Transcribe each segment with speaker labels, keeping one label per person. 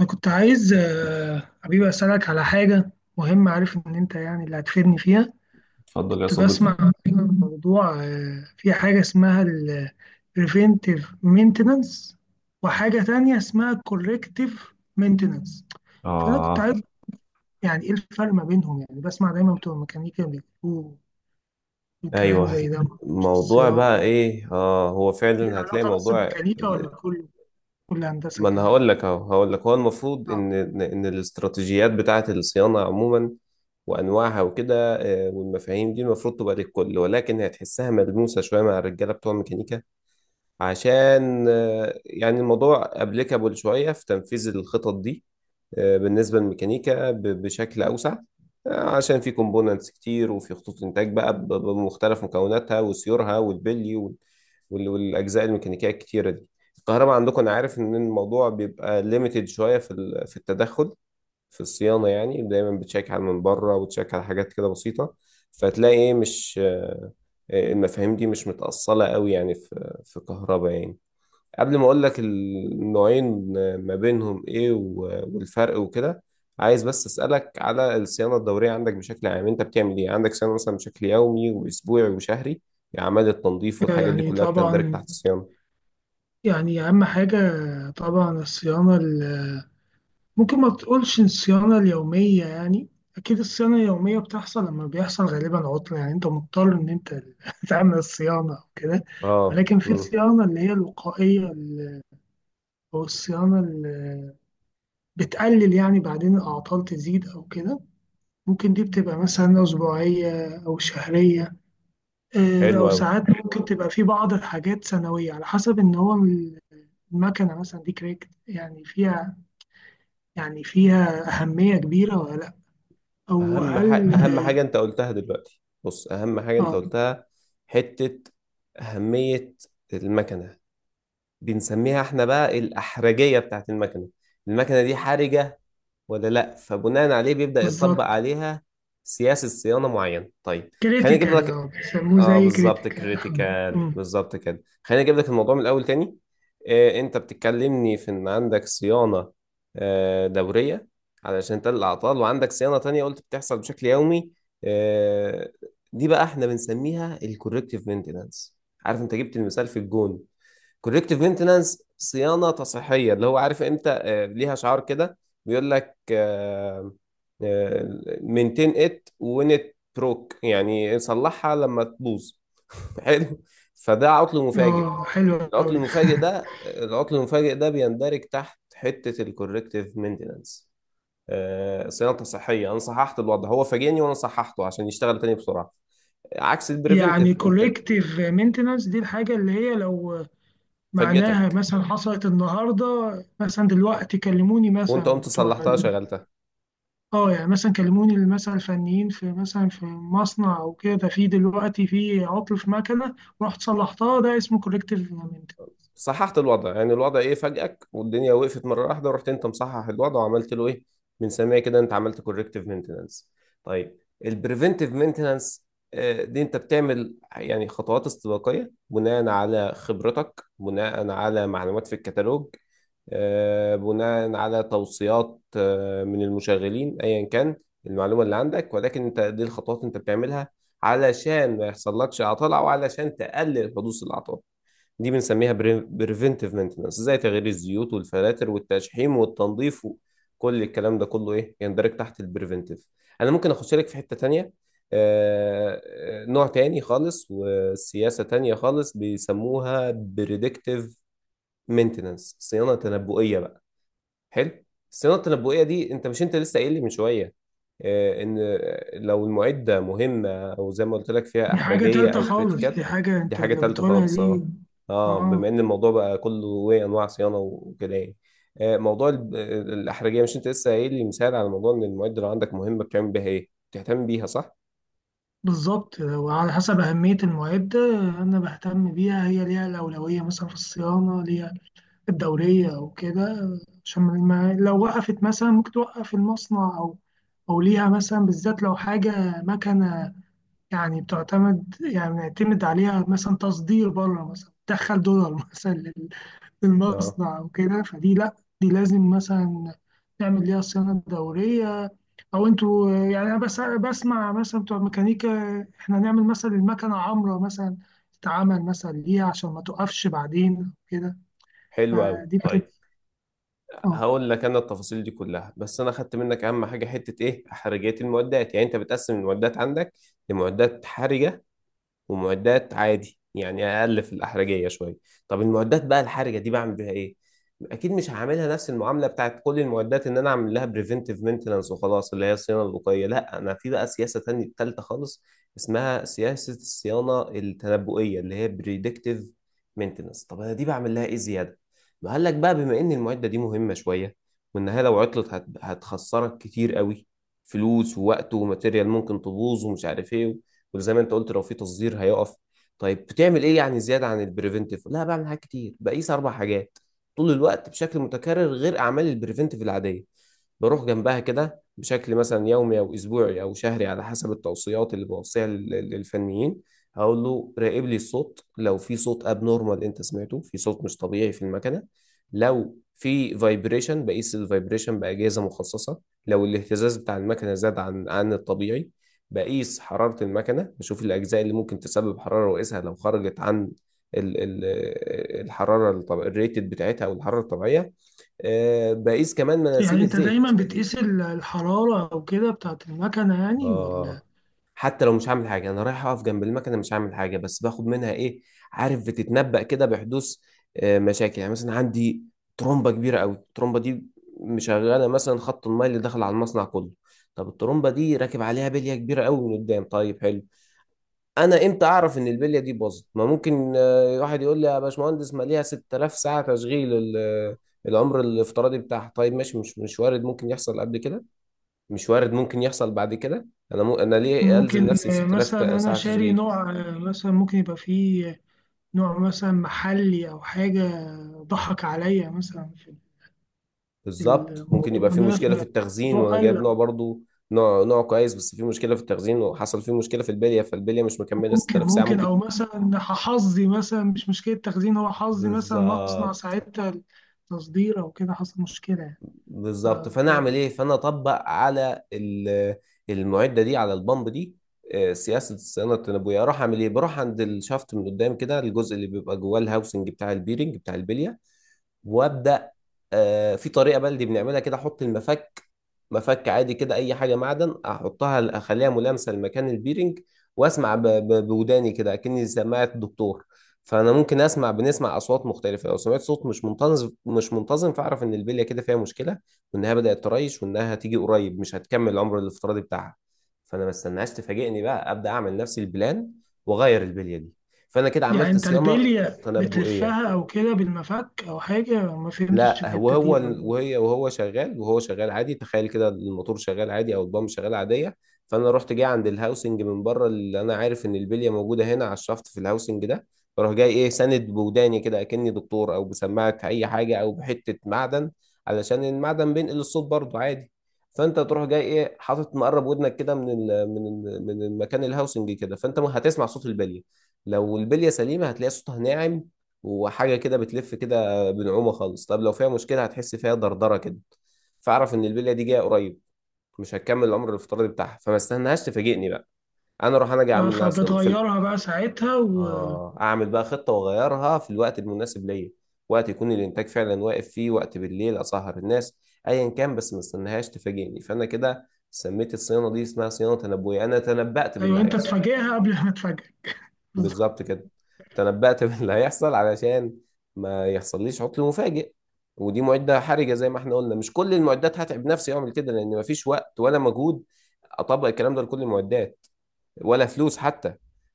Speaker 1: أنا كنت عايز حبيبي، أسألك على حاجة مهمة. عارف إن أنت يعني اللي هتفيدني فيها.
Speaker 2: اتفضل يا
Speaker 1: كنت
Speaker 2: صديقي.
Speaker 1: بسمع عن موضوع، في حاجة اسمها ال preventive maintenance وحاجة تانية اسمها corrective maintenance. فأنا كنت
Speaker 2: آه
Speaker 1: عايز يعني إيه الفرق ما بينهم؟ يعني بسمع دايما بتوع الميكانيكا بيقولوا كلام
Speaker 2: أيوه،
Speaker 1: زي ده، معرفش
Speaker 2: الموضوع بقى
Speaker 1: الصيانة
Speaker 2: إيه؟ هو
Speaker 1: دي
Speaker 2: فعلا
Speaker 1: ليها
Speaker 2: هتلاقي
Speaker 1: علاقة بس بميكانيكا ولا كل هندسة
Speaker 2: ما أنا
Speaker 1: كمان.
Speaker 2: هقول لك أهو، هقول لك هو المفروض
Speaker 1: آه.
Speaker 2: إن الاستراتيجيات بتاعة الصيانة عموما وأنواعها وكده، والمفاهيم دي المفروض تبقى للكل، ولكن هتحسها ملموسة شوية مع الرجالة بتوع الميكانيكا، عشان يعني الموضوع أبليكابل شوية في تنفيذ الخطط دي، بالنسبة للميكانيكا بشكل أوسع، عشان في كومبوننتس كتير، وفي خطوط إنتاج بقى بمختلف مكوناتها وسيورها والبلي والأجزاء الميكانيكية الكتيرة دي. الكهرباء عندكم أنا عارف إن الموضوع بيبقى ليميتد شوية في التدخل في الصيانة، يعني دايما بتشيك على من بره وتشيك على حاجات كده بسيطة، فتلاقي إيه، مش المفاهيم دي مش متأصلة قوي، يعني في كهرباء يعني. قبل ما اقول لك النوعين ما بينهم ايه والفرق وكده، عايز بس اسالك على الصيانه الدوريه عندك بشكل عام، انت بتعمل ايه عندك؟ صيانه مثلا بشكل يومي واسبوعي وشهري؟ اعمال التنظيف والحاجات دي
Speaker 1: يعني
Speaker 2: كلها بتندرج
Speaker 1: طبعا،
Speaker 2: تحت الصيانه؟
Speaker 1: يعني أهم حاجة طبعا الصيانة ممكن ما تقولش الصيانة اليومية يعني. أكيد الصيانة اليومية بتحصل لما بيحصل غالبا عطلة، يعني أنت مضطر إن أنت تعمل الصيانة أو كده.
Speaker 2: اه،
Speaker 1: ولكن في الصيانة اللي هي الوقائية أو الصيانة اللي بتقلل يعني بعدين الأعطال تزيد أو كده. ممكن دي بتبقى مثلا أسبوعية أو شهرية،
Speaker 2: حلو
Speaker 1: أو
Speaker 2: قوي.
Speaker 1: ساعات ممكن تبقى في بعض الحاجات سنوية على حسب إن هو المكنة مثلا دي كريكت، يعني فيها أهمية كبيرة ولا لأ؟ أو هل
Speaker 2: اهم حاجه انت قلتها دلوقتي، بص، اهم حاجه انت
Speaker 1: آه،
Speaker 2: قلتها، حته اهميه المكنه، بنسميها احنا بقى الاحرجيه بتاعت المكنه. المكنه دي حرجه ولا لا؟ فبناء عليه بيبدأ يطبق
Speaker 1: بالظبط
Speaker 2: عليها سياسة صيانة معينة. طيب، خليني اجيب
Speaker 1: كريتيكال،
Speaker 2: لك.
Speaker 1: بيسموه
Speaker 2: اه
Speaker 1: زي
Speaker 2: بالظبط،
Speaker 1: كريتيكال.
Speaker 2: كريتيكال، بالظبط كده. خليني اجيب لك الموضوع من الاول تاني. انت بتتكلمني في ان عندك صيانة دورية علشان تقلل الاعطال، وعندك صيانة تانية قلت بتحصل بشكل يومي. آه دي بقى احنا بنسميها الكوركتيف مينتنانس. عارف انت جبت المثال في الجون، كوركتيف مينتنانس، صيانه تصحيحيه، اللي هو عارف انت ليها شعار كده بيقول لك مينتين ات وين ات بروك، يعني صلحها لما تبوظ. حلو. فده عطل مفاجئ.
Speaker 1: اه، حلو أوي
Speaker 2: العطل المفاجئ ده بيندرج تحت حته الكوركتيف مينتنانس. صيانه تصحيحيه، انا صححت الوضع، هو فاجئني وانا صححته عشان يشتغل تاني بسرعه، عكس البريفنتيف.
Speaker 1: يعني
Speaker 2: انت
Speaker 1: كولكتيف مينتنس دي الحاجة اللي هي لو معناها
Speaker 2: فاجئتك
Speaker 1: مثلا حصلت النهاردة، مثلا دلوقتي كلموني
Speaker 2: وانت
Speaker 1: مثلا
Speaker 2: قمت صلحتها شغلتها،
Speaker 1: اه، يعني مثلا كلموني مثلا الفنيين في مثلا في مصنع او كده، في دلوقتي في عطل في مكنة ورحت صلحتها، ده اسمه كولكتيف.
Speaker 2: صححت الوضع. يعني الوضع ايه؟ فاجئك والدنيا وقفت مره واحده، ورحت انت مصحح الوضع وعملت له ايه؟ من سامعي كده انت عملت كوركتيف مينتنانس. طيب، البريفنتيف مينتنانس دي انت بتعمل يعني خطوات استباقيه بناء على خبرتك، بناء على معلومات في الكتالوج، بناء على توصيات من المشغلين، ايا كان المعلومه اللي عندك. ولكن انت دي الخطوات انت بتعملها علشان ما يحصلكش عطل، او علشان تقلل حدوث الاعطال. دي بنسميها بريفنتيف مينتنانس، زي تغيير الزيوت والفلاتر والتشحيم والتنظيف، وكل الكلام ده كله ايه يندرج تحت البريفنتيف. انا ممكن اخش لك في حتة تانية، نوع تاني خالص وسياسة تانية خالص، بيسموها بريدكتيف مينتنانس، صيانة تنبؤية بقى. حلو. الصيانه التنبؤيه دي انت، مش انت لسه قايل لي من شويه، ان لو المعده مهمه، او زي ما قلت لك فيها
Speaker 1: دي حاجة
Speaker 2: احرجيه
Speaker 1: تالتة
Speaker 2: او
Speaker 1: خالص،
Speaker 2: كريتيكال؟
Speaker 1: دي حاجة
Speaker 2: دي
Speaker 1: انت
Speaker 2: حاجه
Speaker 1: اللي
Speaker 2: تالته
Speaker 1: بتقولها
Speaker 2: خالص،
Speaker 1: دي.
Speaker 2: اه. اه،
Speaker 1: اه،
Speaker 2: بما ان الموضوع بقى كله ايه انواع صيانه وكده يعني، موضوع الاحرجيه، مش انت لسه قايل لي مثال على موضوع ان المعده لو عندك مهمه بتعمل بيها ايه، بتهتم بيها، صح؟
Speaker 1: بالظبط. لو على حسب أهمية المعدة أنا بهتم بيها، هي ليها الأولوية مثلا في الصيانة، ليها الدورية أو كده. عشان ما لو وقفت مثلا ممكن توقف المصنع، أو ليها مثلا بالذات لو حاجة مكنة، يعني بتعتمد يعني بنعتمد عليها، مثلا تصدير بره، مثلا تدخل دولار مثلا
Speaker 2: اه
Speaker 1: للمصنع أو كده. فدي لأ، دي لازم مثلا نعمل ليها صيانة دورية. او انتوا يعني انا بس بسمع مثلا بتوع ميكانيكا احنا نعمل مثلا المكنه عمره مثلا تتعمل مثلا ليه عشان ما توقفش بعدين كده.
Speaker 2: حلو قوي.
Speaker 1: فدي بتبقى.
Speaker 2: طيب،
Speaker 1: اه،
Speaker 2: هقول لك انا التفاصيل دي كلها، بس انا خدت منك اهم حاجه، حته ايه، احرجيه المعدات. يعني انت بتقسم المعدات عندك لمعدات حرجه ومعدات عادي، يعني اقل في الاحرجيه شويه. طب المعدات بقى الحرجه دي بعمل بيها ايه؟ اكيد مش هعملها نفس المعامله بتاعت كل المعدات، ان انا اعمل لها بريفنتيف مينتنانس وخلاص، اللي هي الصيانه الوقائيه. لا، انا في بقى سياسه تانية تالتة خالص اسمها سياسه الصيانه التنبؤيه، اللي هي بريدكتيف مينتنانس. طب انا دي بعمل لها ايه زياده؟ قال لك بقى بما ان المعده دي مهمه شويه، وانها لو عطلت هتخسرك كتير قوي، فلوس ووقت وماتيريال ممكن تبوظ ومش عارف ايه، وزي ما انت قلت لو في تصدير هيقف. طيب بتعمل ايه يعني زياده عن البريفنتيف؟ لا، بعمل حاجات كتير، بقيس اربع حاجات طول الوقت بشكل متكرر غير اعمال البريفنتيف العاديه. بروح جنبها كده بشكل مثلا يومي او اسبوعي او شهري على حسب التوصيات اللي بوصيها للفنيين. هقول له راقب لي الصوت، لو في صوت ابنورمال انت سمعته، في صوت مش طبيعي في المكنه. لو في فايبريشن، بقيس الفايبريشن باجهزه مخصصه. لو الاهتزاز بتاع المكنه زاد عن الطبيعي. بقيس حرارة المكنة، بشوف الأجزاء اللي ممكن تسبب حرارة وأقيسها لو خرجت عن ال- ال- الحرارة، الريتد بتاعتها أو الحرارة الطبيعية. بقيس كمان مناسيب
Speaker 1: يعني انت
Speaker 2: الزيت.
Speaker 1: دايما بتقيس الحراره او كده بتاعت المكنه، يعني ولا؟
Speaker 2: آه حتى لو مش هعمل حاجة، أنا رايح أقف جنب المكنة، مش هعمل حاجة، بس باخد منها إيه؟ عارف، بتتنبأ كده بحدوث مشاكل. يعني مثلا عندي ترومبة كبيرة أوي، الترومبة دي مشغلة مثلا خط الماء اللي داخل على المصنع كله. طب الترومبة دي راكب عليها بلية كبيرة أوي من قدام، طيب حلو. انا امتى اعرف ان البليه دي باظت؟ ما ممكن واحد يقول لي يا باشمهندس ما ليها 6000 ساعه تشغيل، العمر الافتراضي بتاعها. طيب ماشي، مش وارد ممكن يحصل قبل كده؟ مش وارد ممكن يحصل بعد كده؟ انا انا ليه الزم
Speaker 1: ممكن
Speaker 2: نفسي 6000
Speaker 1: مثلا انا
Speaker 2: ساعه
Speaker 1: شاري
Speaker 2: تشغيل؟
Speaker 1: نوع، مثلا ممكن يبقى فيه نوع مثلا محلي او حاجه، ضحك عليا مثلا في
Speaker 2: بالظبط، ممكن
Speaker 1: الموضوع
Speaker 2: يبقى في
Speaker 1: ده،
Speaker 2: مشكله في التخزين
Speaker 1: فالموضوع
Speaker 2: وانا جايب
Speaker 1: قل.
Speaker 2: نوع برضو نوع كويس، بس في مشكله في التخزين، وحصل فيه مشكله في البليه، فالبليه مش مكمله
Speaker 1: ممكن
Speaker 2: 6000 ساعه،
Speaker 1: ممكن،
Speaker 2: ممكن.
Speaker 1: او مثلا حظي مثلا مش مشكله تخزين، هو حظي مثلا مصنع
Speaker 2: بالظبط،
Speaker 1: ساعتها التصدير او كده حصل مشكله يعني. ف-
Speaker 2: بالظبط، فانا اعمل ايه؟ فانا اطبق على المعده دي، على البامب دي، سياسه الصيانه التنابؤيه. اروح اعمل ايه؟ بروح عند الشافت من قدام كده، الجزء اللي بيبقى جواه الهاوسنج بتاع البيرنج بتاع البليه، وابدا في طريقه بلدي بنعملها كده. احط المفك، مفك عادي كده، اي حاجه معدن، احطها اخليها ملامسه لمكان البيرنج، واسمع بوداني كده اكني سماعه الدكتور. فانا ممكن اسمع، بنسمع اصوات مختلفه. لو سمعت صوت مش منتظم، مش منتظم، فاعرف ان البليه كده فيها مشكله، وانها بدات تريش، وانها هتيجي قريب مش هتكمل العمر الافتراضي بتاعها، فانا ما استناش تفاجئني بقى. ابدا اعمل نفسي البلان واغير البليه دي، فانا كده
Speaker 1: يعني
Speaker 2: عملت
Speaker 1: انت
Speaker 2: صيانه
Speaker 1: البليه
Speaker 2: تنبؤيه.
Speaker 1: بتلفها او كده بالمفك او حاجه؟ ما فهمتش
Speaker 2: لا،
Speaker 1: الحته دي.
Speaker 2: وهو
Speaker 1: او
Speaker 2: وهي وهو شغال، وهو شغال عادي، تخيل كده، الموتور شغال عادي او البامب شغال عاديه، فانا رحت جاي عند الهاوسنج من بره، اللي انا عارف ان البليه موجوده هنا على الشفط في الهاوسنج ده. فاروح جاي ايه، ساند بوداني كده اكني دكتور، او بسماعه اي حاجه، او بحته معدن، علشان المعدن بينقل الصوت برضه عادي. فانت تروح جاي ايه، حاطط مقرب ودنك كده من ال من ال من المكان، الهاوسنج كده، فانت هتسمع صوت البليه. لو البليه سليمه، هتلاقي صوتها ناعم، وحاجه كده بتلف كده بنعومه خالص. طب لو فيها مشكله، هتحس فيها دردره كده، فاعرف ان البليه دي جايه قريب، مش هتكمل العمر الافتراضي بتاعها، فما استناهاش تفاجئني بقى. انا اروح انا جاي
Speaker 1: ف-
Speaker 2: اعمل لها صيانه في
Speaker 1: فبتغيرها بقى ساعتها و...
Speaker 2: اه، اعمل بقى خطه واغيرها في الوقت المناسب ليا، وقت يكون الانتاج فعلا واقف فيه، وقت بالليل اسهر الناس، ايا كان، بس ما استناهاش تفاجئني. فانا كده سميت الصيانه دي اسمها صيانه تنبؤيه، انا تنبأت باللي
Speaker 1: ايوه، انت
Speaker 2: هيحصل.
Speaker 1: تفاجئها قبل ما تفاجئك. بالظبط.
Speaker 2: بالظبط كده، تنبأت باللي هيحصل علشان ما يحصليش عطل مفاجئ. ودي معدة حرجة زي ما احنا قلنا، مش كل المعدات هتعب نفسي اعمل كده، لان مفيش وقت ولا مجهود اطبق الكلام ده لكل المعدات، ولا فلوس حتى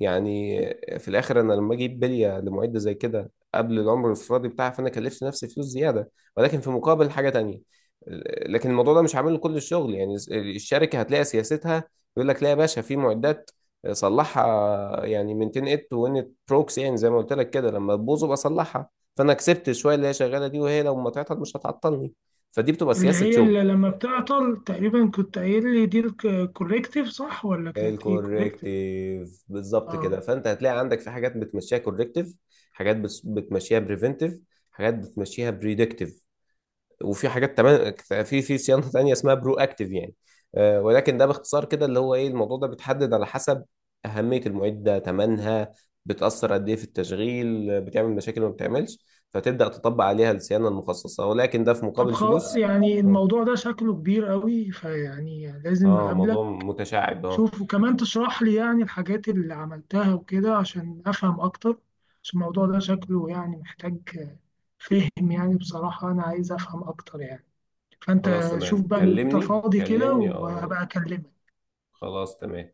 Speaker 2: يعني. في الاخر، انا لما اجيب بليه لمعده زي كده قبل العمر الافرادي بتاعها، فانا كلفت نفسي فلوس زياده، ولكن في مقابل حاجه تانية. لكن الموضوع ده مش عامل كل الشغل يعني، الشركه هتلاقي سياستها يقول لك لا يا باشا، في معدات صلحها يعني، من 10 ات وان بروكس، يعني زي ما قلت لك كده، لما تبوظ ابقى اصلحها، فانا كسبت شويه اللي هي شغاله دي، وهي لو ما تعطل مش هتعطلني. فدي بتبقى
Speaker 1: اللي
Speaker 2: سياسه
Speaker 1: هي اللي
Speaker 2: شغل
Speaker 1: لما بتعطل، تقريبا كنت قايل لي دي الكوريكتيف صح ولا كانت ايه؟ كوريكتيف.
Speaker 2: الكوركتيف، بالظبط كده.
Speaker 1: اه،
Speaker 2: فانت هتلاقي عندك في حاجات بتمشيها كوركتيف، حاجات بتمشيها بريفنتيف، حاجات بتمشيها بريدكتيف، وفي حاجات تمام، في صيانه تانيه اسمها برو اكتيف يعني، ولكن ده باختصار كده اللي هو ايه. الموضوع ده بيتحدد على حسب اهميه المعده، ثمنها، بتاثر قد ايه في التشغيل، بتعمل مشاكل ما بتعملش، فتبدا تطبق عليها الصيانه المخصصه، ولكن ده في
Speaker 1: طب
Speaker 2: مقابل
Speaker 1: خلاص،
Speaker 2: فلوس.
Speaker 1: يعني
Speaker 2: اه،
Speaker 1: الموضوع ده شكله كبير قوي، فيعني لازم
Speaker 2: موضوع
Speaker 1: اقابلك.
Speaker 2: متشعب، اه.
Speaker 1: شوف وكمان تشرح لي يعني الحاجات اللي عملتها وكده عشان افهم اكتر، عشان الموضوع ده شكله يعني محتاج فهم، يعني بصراحة انا عايز افهم اكتر يعني.
Speaker 2: خلاص
Speaker 1: فانت شوف
Speaker 2: تمام،
Speaker 1: بقى انت
Speaker 2: كلمني،
Speaker 1: فاضي كده
Speaker 2: كلمني، اه.
Speaker 1: وهبقى اكلمك.
Speaker 2: خلاص تمام.